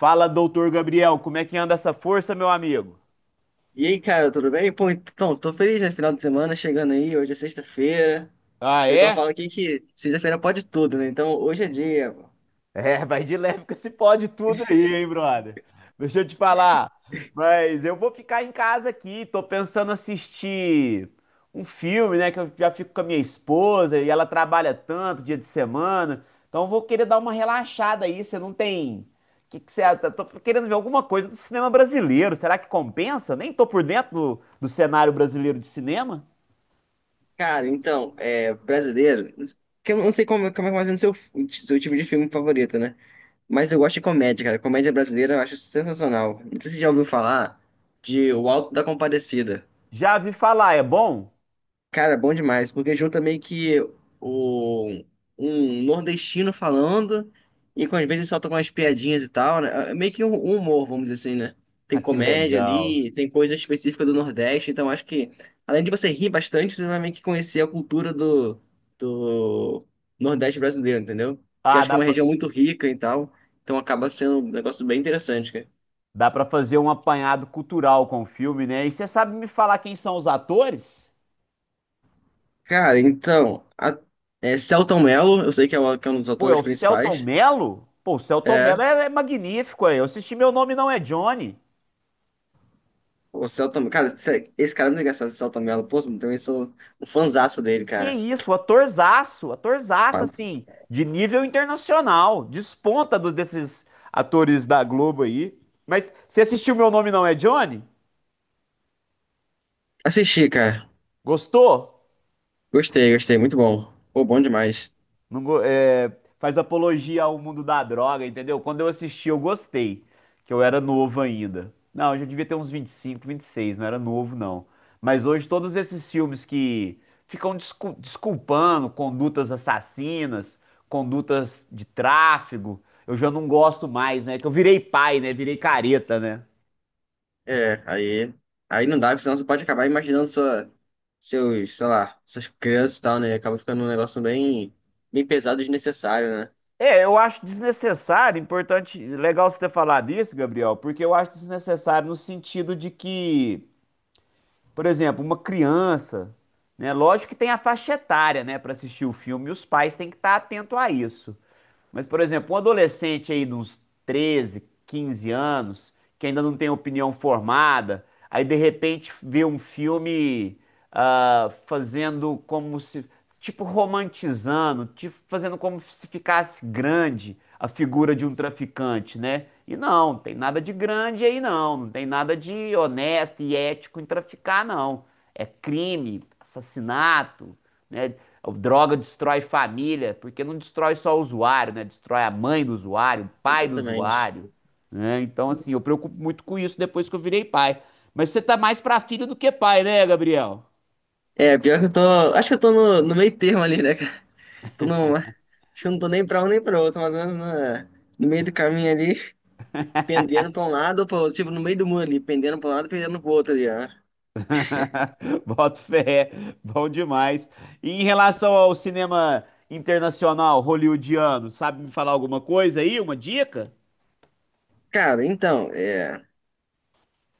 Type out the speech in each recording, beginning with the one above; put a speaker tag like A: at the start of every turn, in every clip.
A: Fala, doutor Gabriel, como é que anda essa força, meu amigo?
B: E aí, cara, tudo bem? Pô, então, tô feliz, né? Final de semana chegando aí, hoje é sexta-feira.
A: Ah,
B: O pessoal
A: é?
B: fala aqui que sexta-feira pode tudo, né? Então, hoje é dia. Pô.
A: É, vai de leve com esse pode tudo aí, hein, brother? Deixa eu te falar. Mas eu vou ficar em casa aqui, tô pensando assistir um filme, né? Que eu já fico com a minha esposa e ela trabalha tanto dia de semana. Então eu vou querer dar uma relaxada aí. Você não tem. Que você... eu tô querendo ver alguma coisa do cinema brasileiro. Será que compensa? Nem tô por dentro do cenário brasileiro de cinema.
B: Cara, então, é brasileiro. Que eu não sei como, como é mais o seu tipo de filme favorito, né? Mas eu gosto de comédia, cara. Comédia brasileira eu acho sensacional. Não sei se você já ouviu falar de O Alto da Compadecida.
A: Já vi falar, é bom?
B: Cara, bom demais, porque junta meio que o, um nordestino falando e com às vezes solta umas piadinhas e tal, né? É meio que um humor, vamos dizer assim, né? Tem
A: Ah, que
B: comédia
A: legal.
B: ali, tem coisa específica do Nordeste, então acho que além de você rir bastante, você vai meio que conhecer a cultura do, do Nordeste brasileiro, entendeu? Que
A: Ah,
B: acho que é uma região muito rica e tal, então acaba sendo um negócio bem interessante, cara.
A: dá pra fazer um apanhado cultural com o filme, né? E você sabe me falar quem são os atores?
B: Cara, então, a, é, Selton Mello, eu sei que é, que é um dos
A: Pô, é o
B: autores
A: Selton
B: principais.
A: Mello? Pô, o Selton Mello
B: É.
A: é magnífico aí. Eu assisti Meu Nome Não É Johnny.
B: O Celta, cara, esse cara é muito engraçado, esse Celta Mello. Pô, eu também sou um fanzaço dele,
A: Que
B: cara.
A: isso, atorzaço, atorzaço,
B: Fa-
A: assim, de nível internacional. Desponta desses atores da Globo aí. Mas você assistiu Meu Nome Não É Johnny?
B: Assisti, cara.
A: Gostou?
B: Gostei, gostei, muito bom. Pô, bom demais.
A: Não, é, faz apologia ao mundo da droga, entendeu? Quando eu assisti, eu gostei, que eu era novo ainda. Não, eu já devia ter uns vinte e cinco, vinte e seis, não era novo, não. Mas hoje todos esses filmes que ficam desculpando condutas assassinas, condutas de tráfego, eu já não gosto mais, né? Que eu virei pai, né? Virei careta, né?
B: É, aí, aí não dá, porque senão você pode acabar imaginando sua, seus, sei lá, suas crianças e tal, né? Acaba ficando um negócio bem, bem pesado e desnecessário, né?
A: É, eu acho desnecessário, importante, legal você ter falado isso, Gabriel, porque eu acho desnecessário no sentido de que, por exemplo, uma criança, né? Lógico que tem a faixa etária, né, para assistir o filme, e os pais têm que estar atentos a isso. Mas, por exemplo, um adolescente aí de uns 13, 15 anos, que ainda não tem opinião formada, aí de repente vê um filme, ah, fazendo como se, tipo romantizando, tipo fazendo como se ficasse grande a figura de um traficante, né? E não, não tem nada de grande aí não, não tem nada de honesto e ético em traficar, não. É crime, assassinato, né? O droga destrói família, porque não destrói só o usuário, né? Destrói a mãe do usuário, o pai do
B: Exatamente.
A: usuário, né? Então, assim, eu preocupo muito com isso depois que eu virei pai. Mas você tá mais pra filho do que pai, né, Gabriel?
B: É, pior que eu tô, acho que eu tô no meio termo ali, né, cara? Tô no, acho que eu não tô nem pra um nem pra outro, mais ou menos no meio do caminho ali. Pendendo pra um lado ou pra outro, tipo, no meio do muro ali, pendendo pra um lado, pendendo pro outro ali, ó.
A: Boto fé, bom demais. E em relação ao cinema internacional hollywoodiano, sabe me falar alguma coisa aí, uma dica?
B: Cara, então, é.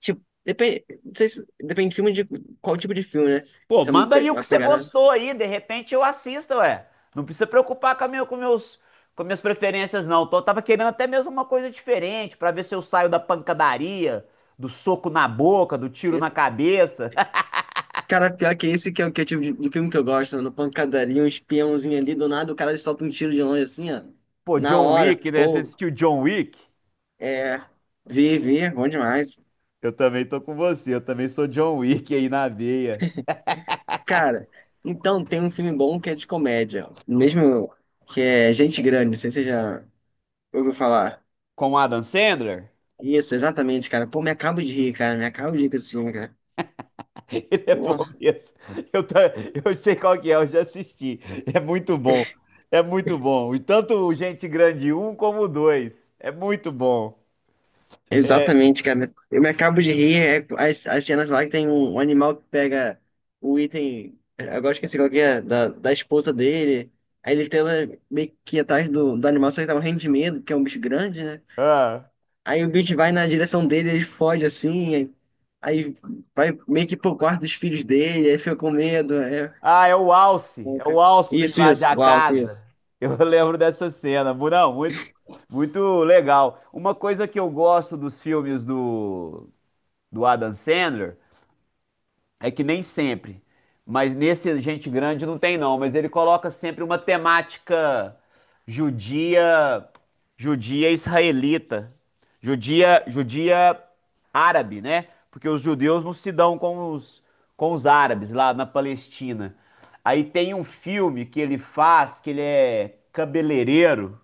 B: Tipo, depende, não sei se, depende de filme de qual tipo de filme, né?
A: Pô,
B: Se é uma,
A: manda aí o que
B: uma
A: você
B: pegada.
A: gostou aí, de repente eu assisto, ué. Não precisa preocupar com, com meus, com minhas preferências, não. Tô, tava querendo até mesmo uma coisa diferente, pra ver se eu saio da pancadaria, do soco na boca, do tiro na cabeça.
B: Cara, pior que esse que é o tipo de filme que eu gosto, mano. Pancadaria, um espiãozinho ali, do nada o cara solta um tiro de longe assim, ó.
A: Pô,
B: Na
A: John
B: hora,
A: Wick, né? Você
B: pô,
A: assistiu John Wick?
B: é. Vi, vi, bom demais.
A: Eu também tô com você, eu também sou John Wick aí na veia.
B: Cara, então tem um filme bom que é de comédia, ó. Mesmo que é Gente Grande, não sei se você já ouviu falar.
A: Com o Adam Sandler?
B: Isso, exatamente, cara. Pô, me acabo de rir, cara. Me acabo de rir com esse filme, cara.
A: Ele é
B: Pô,
A: bom mesmo. Eu, ta- eu sei qual que é, eu já assisti. É muito bom. É muito bom. E tanto o Gente Grande um como o dois, é muito bom. É,
B: exatamente, cara. Eu me acabo de rir. É, as cenas lá que tem um, um animal que pega o item. Agora esqueci qual que é, da, da esposa dele. Aí ele tenta meio que ir atrás do, do animal, só que tá morrendo de medo, que é um bicho grande, né?
A: ah.
B: Aí o bicho vai na direção dele, ele foge assim. Aí vai meio que pro quarto dos filhos dele, aí fica com medo. É,
A: Ah, é o Alce.
B: pô,
A: É
B: cara.
A: o Alce que
B: Isso,
A: invade
B: isso.
A: a
B: Uau,
A: casa.
B: isso,
A: Eu lembro dessa cena. Não, muito, muito legal. Uma coisa que eu gosto dos filmes do Adam Sandler. É que nem sempre. Mas nesse Gente Grande não tem, não. Mas ele coloca sempre uma temática judia, judia israelita, judia, judia árabe, né? Porque os judeus não se dão com os árabes lá na Palestina. Aí tem um filme que ele faz, que ele é cabeleireiro,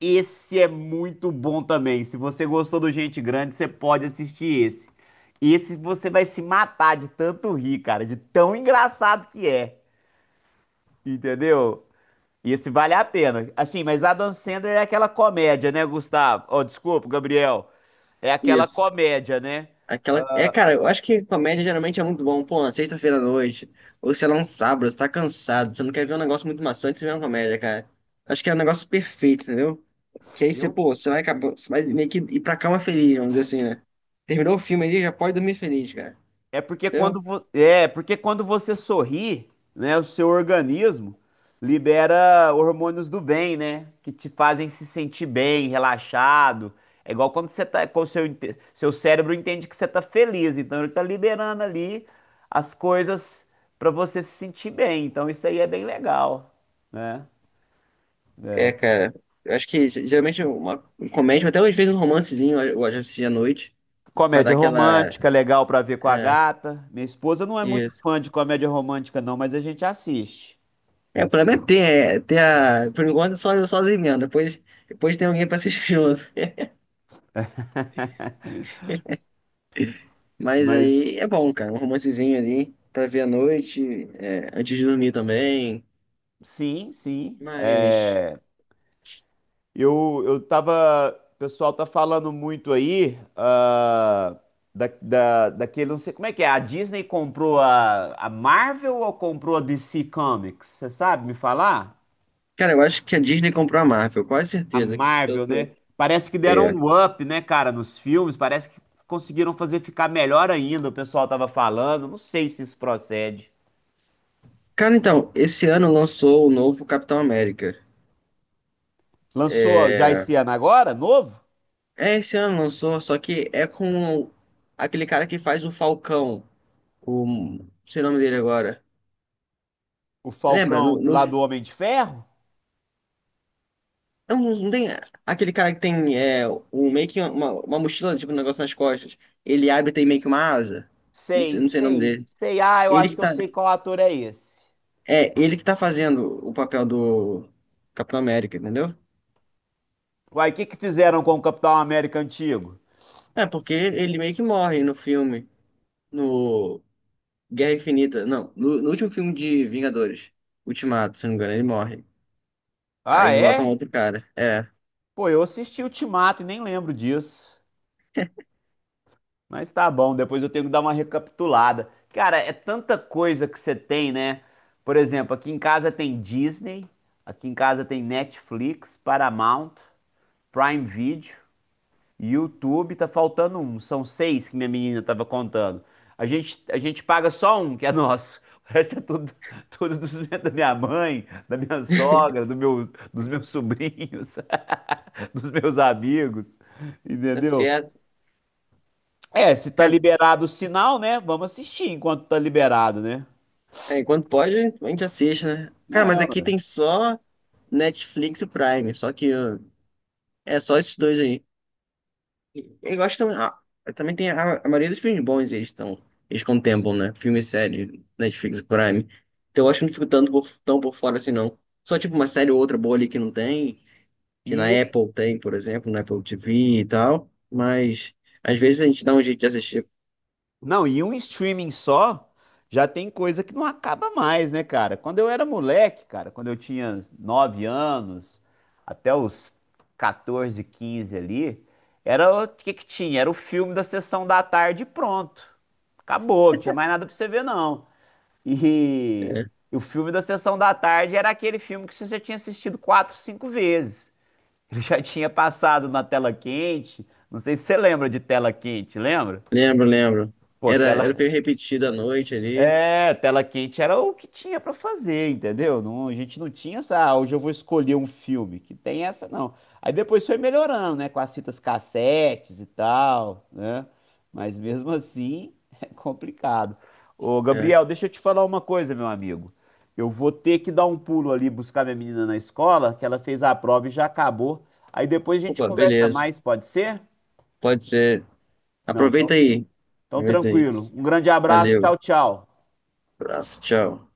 A: esse é muito bom também. Se você gostou do Gente Grande, você pode assistir esse. Esse você vai se matar de tanto rir, cara, de tão engraçado que é. Entendeu? Esse vale a pena. Assim, mas Adam Sandler é aquela comédia, né, Gustavo? Oh, desculpa, Gabriel. É aquela
B: isso.
A: comédia, né?
B: Aquela. É, cara, eu acho que comédia geralmente é muito bom. Pô, na sexta-feira à noite, ou sei lá, um sábado, você tá cansado, você não quer ver um negócio muito maçante, você vê uma comédia, cara. Acho que é um negócio perfeito, entendeu? Que aí você,
A: Eu
B: pô, você vai acabar, você vai meio que ir pra cama feliz, vamos dizer assim, né? Terminou o filme ali, já pode dormir feliz, cara.
A: é porque quando,
B: Entendeu?
A: é porque quando você sorri, né, o seu organismo libera hormônios do bem, né, que te fazem se sentir bem, relaxado. É igual quando você tá, quando seu, seu cérebro entende que você tá feliz, então ele tá liberando ali as coisas para você se sentir bem. Então isso aí é bem legal, né? É,
B: É, cara. Eu acho que geralmente uma comédia, até às vezes um romancezinho, eu gosto de à noite, pra dar
A: comédia
B: aquela.
A: romântica, legal pra ver com a
B: É,
A: gata. Minha esposa não é muito
B: isso.
A: fã de comédia romântica não, mas a gente assiste.
B: É, o problema é, ter a. Por enquanto, só sozinho mesmo. Depois, depois tem alguém pra assistir junto. Mas
A: Mas
B: aí é bom, cara, um romancezinho ali pra ver à noite, é, antes de dormir também.
A: sim, sim.
B: Mas,
A: É, eu tava. O pessoal tá falando muito aí ah, daquele. Não sei como é que é. A Disney comprou a Marvel ou comprou a DC Comics? Você sabe me falar?
B: cara, eu acho que a Disney comprou a Marvel, quase
A: A
B: certeza. Eu
A: Marvel,
B: tô.
A: né? Parece que deram
B: É.
A: um up, né, cara, nos filmes. Parece que conseguiram fazer ficar melhor ainda. O pessoal tava falando. Não sei se isso procede.
B: Cara, então, esse ano lançou o novo Capitão América.
A: Lançou já
B: É,
A: esse ano agora, novo?
B: é esse ano lançou, só que é com aquele cara que faz o Falcão, o, não sei o nome dele agora.
A: O
B: Lembra?
A: Falcão
B: No,
A: lá do Homem de Ferro?
B: não, não tem aquele cara que tem é, um, meio que uma mochila, tipo um negócio nas costas. Ele abre e tem meio que uma asa. Não sei,
A: Sei,
B: não sei o nome
A: sei,
B: dele.
A: sei. Ah, eu
B: Ele
A: acho
B: que
A: que eu
B: tá.
A: sei qual ator é esse.
B: É, ele que tá fazendo o papel do Capitão América, entendeu?
A: Uai, o que que fizeram com o Capitão América antigo?
B: É, porque ele meio que morre no filme. No Guerra Infinita. Não, no último filme de Vingadores. Ultimato, se não me engano, ele morre.
A: Ah,
B: Aí botam
A: é?
B: outro cara. É.
A: Pô, eu assisti Ultimato e nem lembro disso. Mas tá bom, depois eu tenho que dar uma recapitulada. Cara, é tanta coisa que você tem, né? Por exemplo, aqui em casa tem Disney, aqui em casa tem Netflix, Paramount, Prime Video. YouTube, tá faltando um. São seis que minha menina tava contando. A gente paga só um, que é nosso. O resto é tudo, tudo dos, meus, da minha mãe, da minha sogra, do meu, dos meus sobrinhos, dos meus amigos.
B: Tá
A: Entendeu?
B: certo.
A: É, se tá
B: Cara,
A: liberado o sinal, né? Vamos assistir enquanto tá liberado, né?
B: é, enquanto pode, a gente assiste, né? Cara,
A: É,
B: mas aqui
A: ué.
B: tem só Netflix e Prime, só que ó, é só esses dois aí. Eu gosto também. Ah, também tem a maioria dos filmes bons, eles estão. Eles contemplam, né? Filme e série, Netflix e Prime. Então eu acho que não fico tanto por, tão por fora assim, não. Só tipo uma série ou outra boa ali que não tem, que na
A: E
B: Apple tem, por exemplo, na Apple TV e tal. Mas às vezes a gente dá um jeito de assistir.
A: não, e um streaming só já tem coisa que não acaba mais, né, cara? Quando eu era moleque, cara, quando eu tinha 9 anos, até os 14, 15 ali, era o que que tinha? Era o filme da sessão da tarde e pronto. Acabou, não tinha mais nada pra você ver, não. E,
B: É,
A: e o filme da sessão da tarde era aquele filme que você já tinha assistido quatro, cinco vezes. Ele já tinha passado na tela quente. Não sei se você lembra de tela quente, lembra?
B: lembro, lembro.
A: Pô,
B: Era,
A: tela.
B: era o que eu da noite ali.
A: É, tela quente era o que tinha pra fazer, entendeu? Não, a gente não tinha essa, ah, hoje eu vou escolher um filme, que tem essa não. Aí depois foi melhorando, né, com as fitas cassetes e tal, né? Mas mesmo assim é complicado. Ô, Gabriel,
B: É.
A: deixa eu te falar uma coisa, meu amigo. Eu vou ter que dar um pulo ali buscar minha menina na escola, que ela fez a prova e já acabou. Aí depois a gente
B: Opa,
A: conversa
B: beleza.
A: mais, pode ser?
B: Pode ser.
A: Não,
B: Aproveita
A: então,
B: aí.
A: então
B: Aproveita aí.
A: tranquilo. Um grande abraço,
B: Valeu.
A: tchau, tchau.
B: Abraço. Tchau.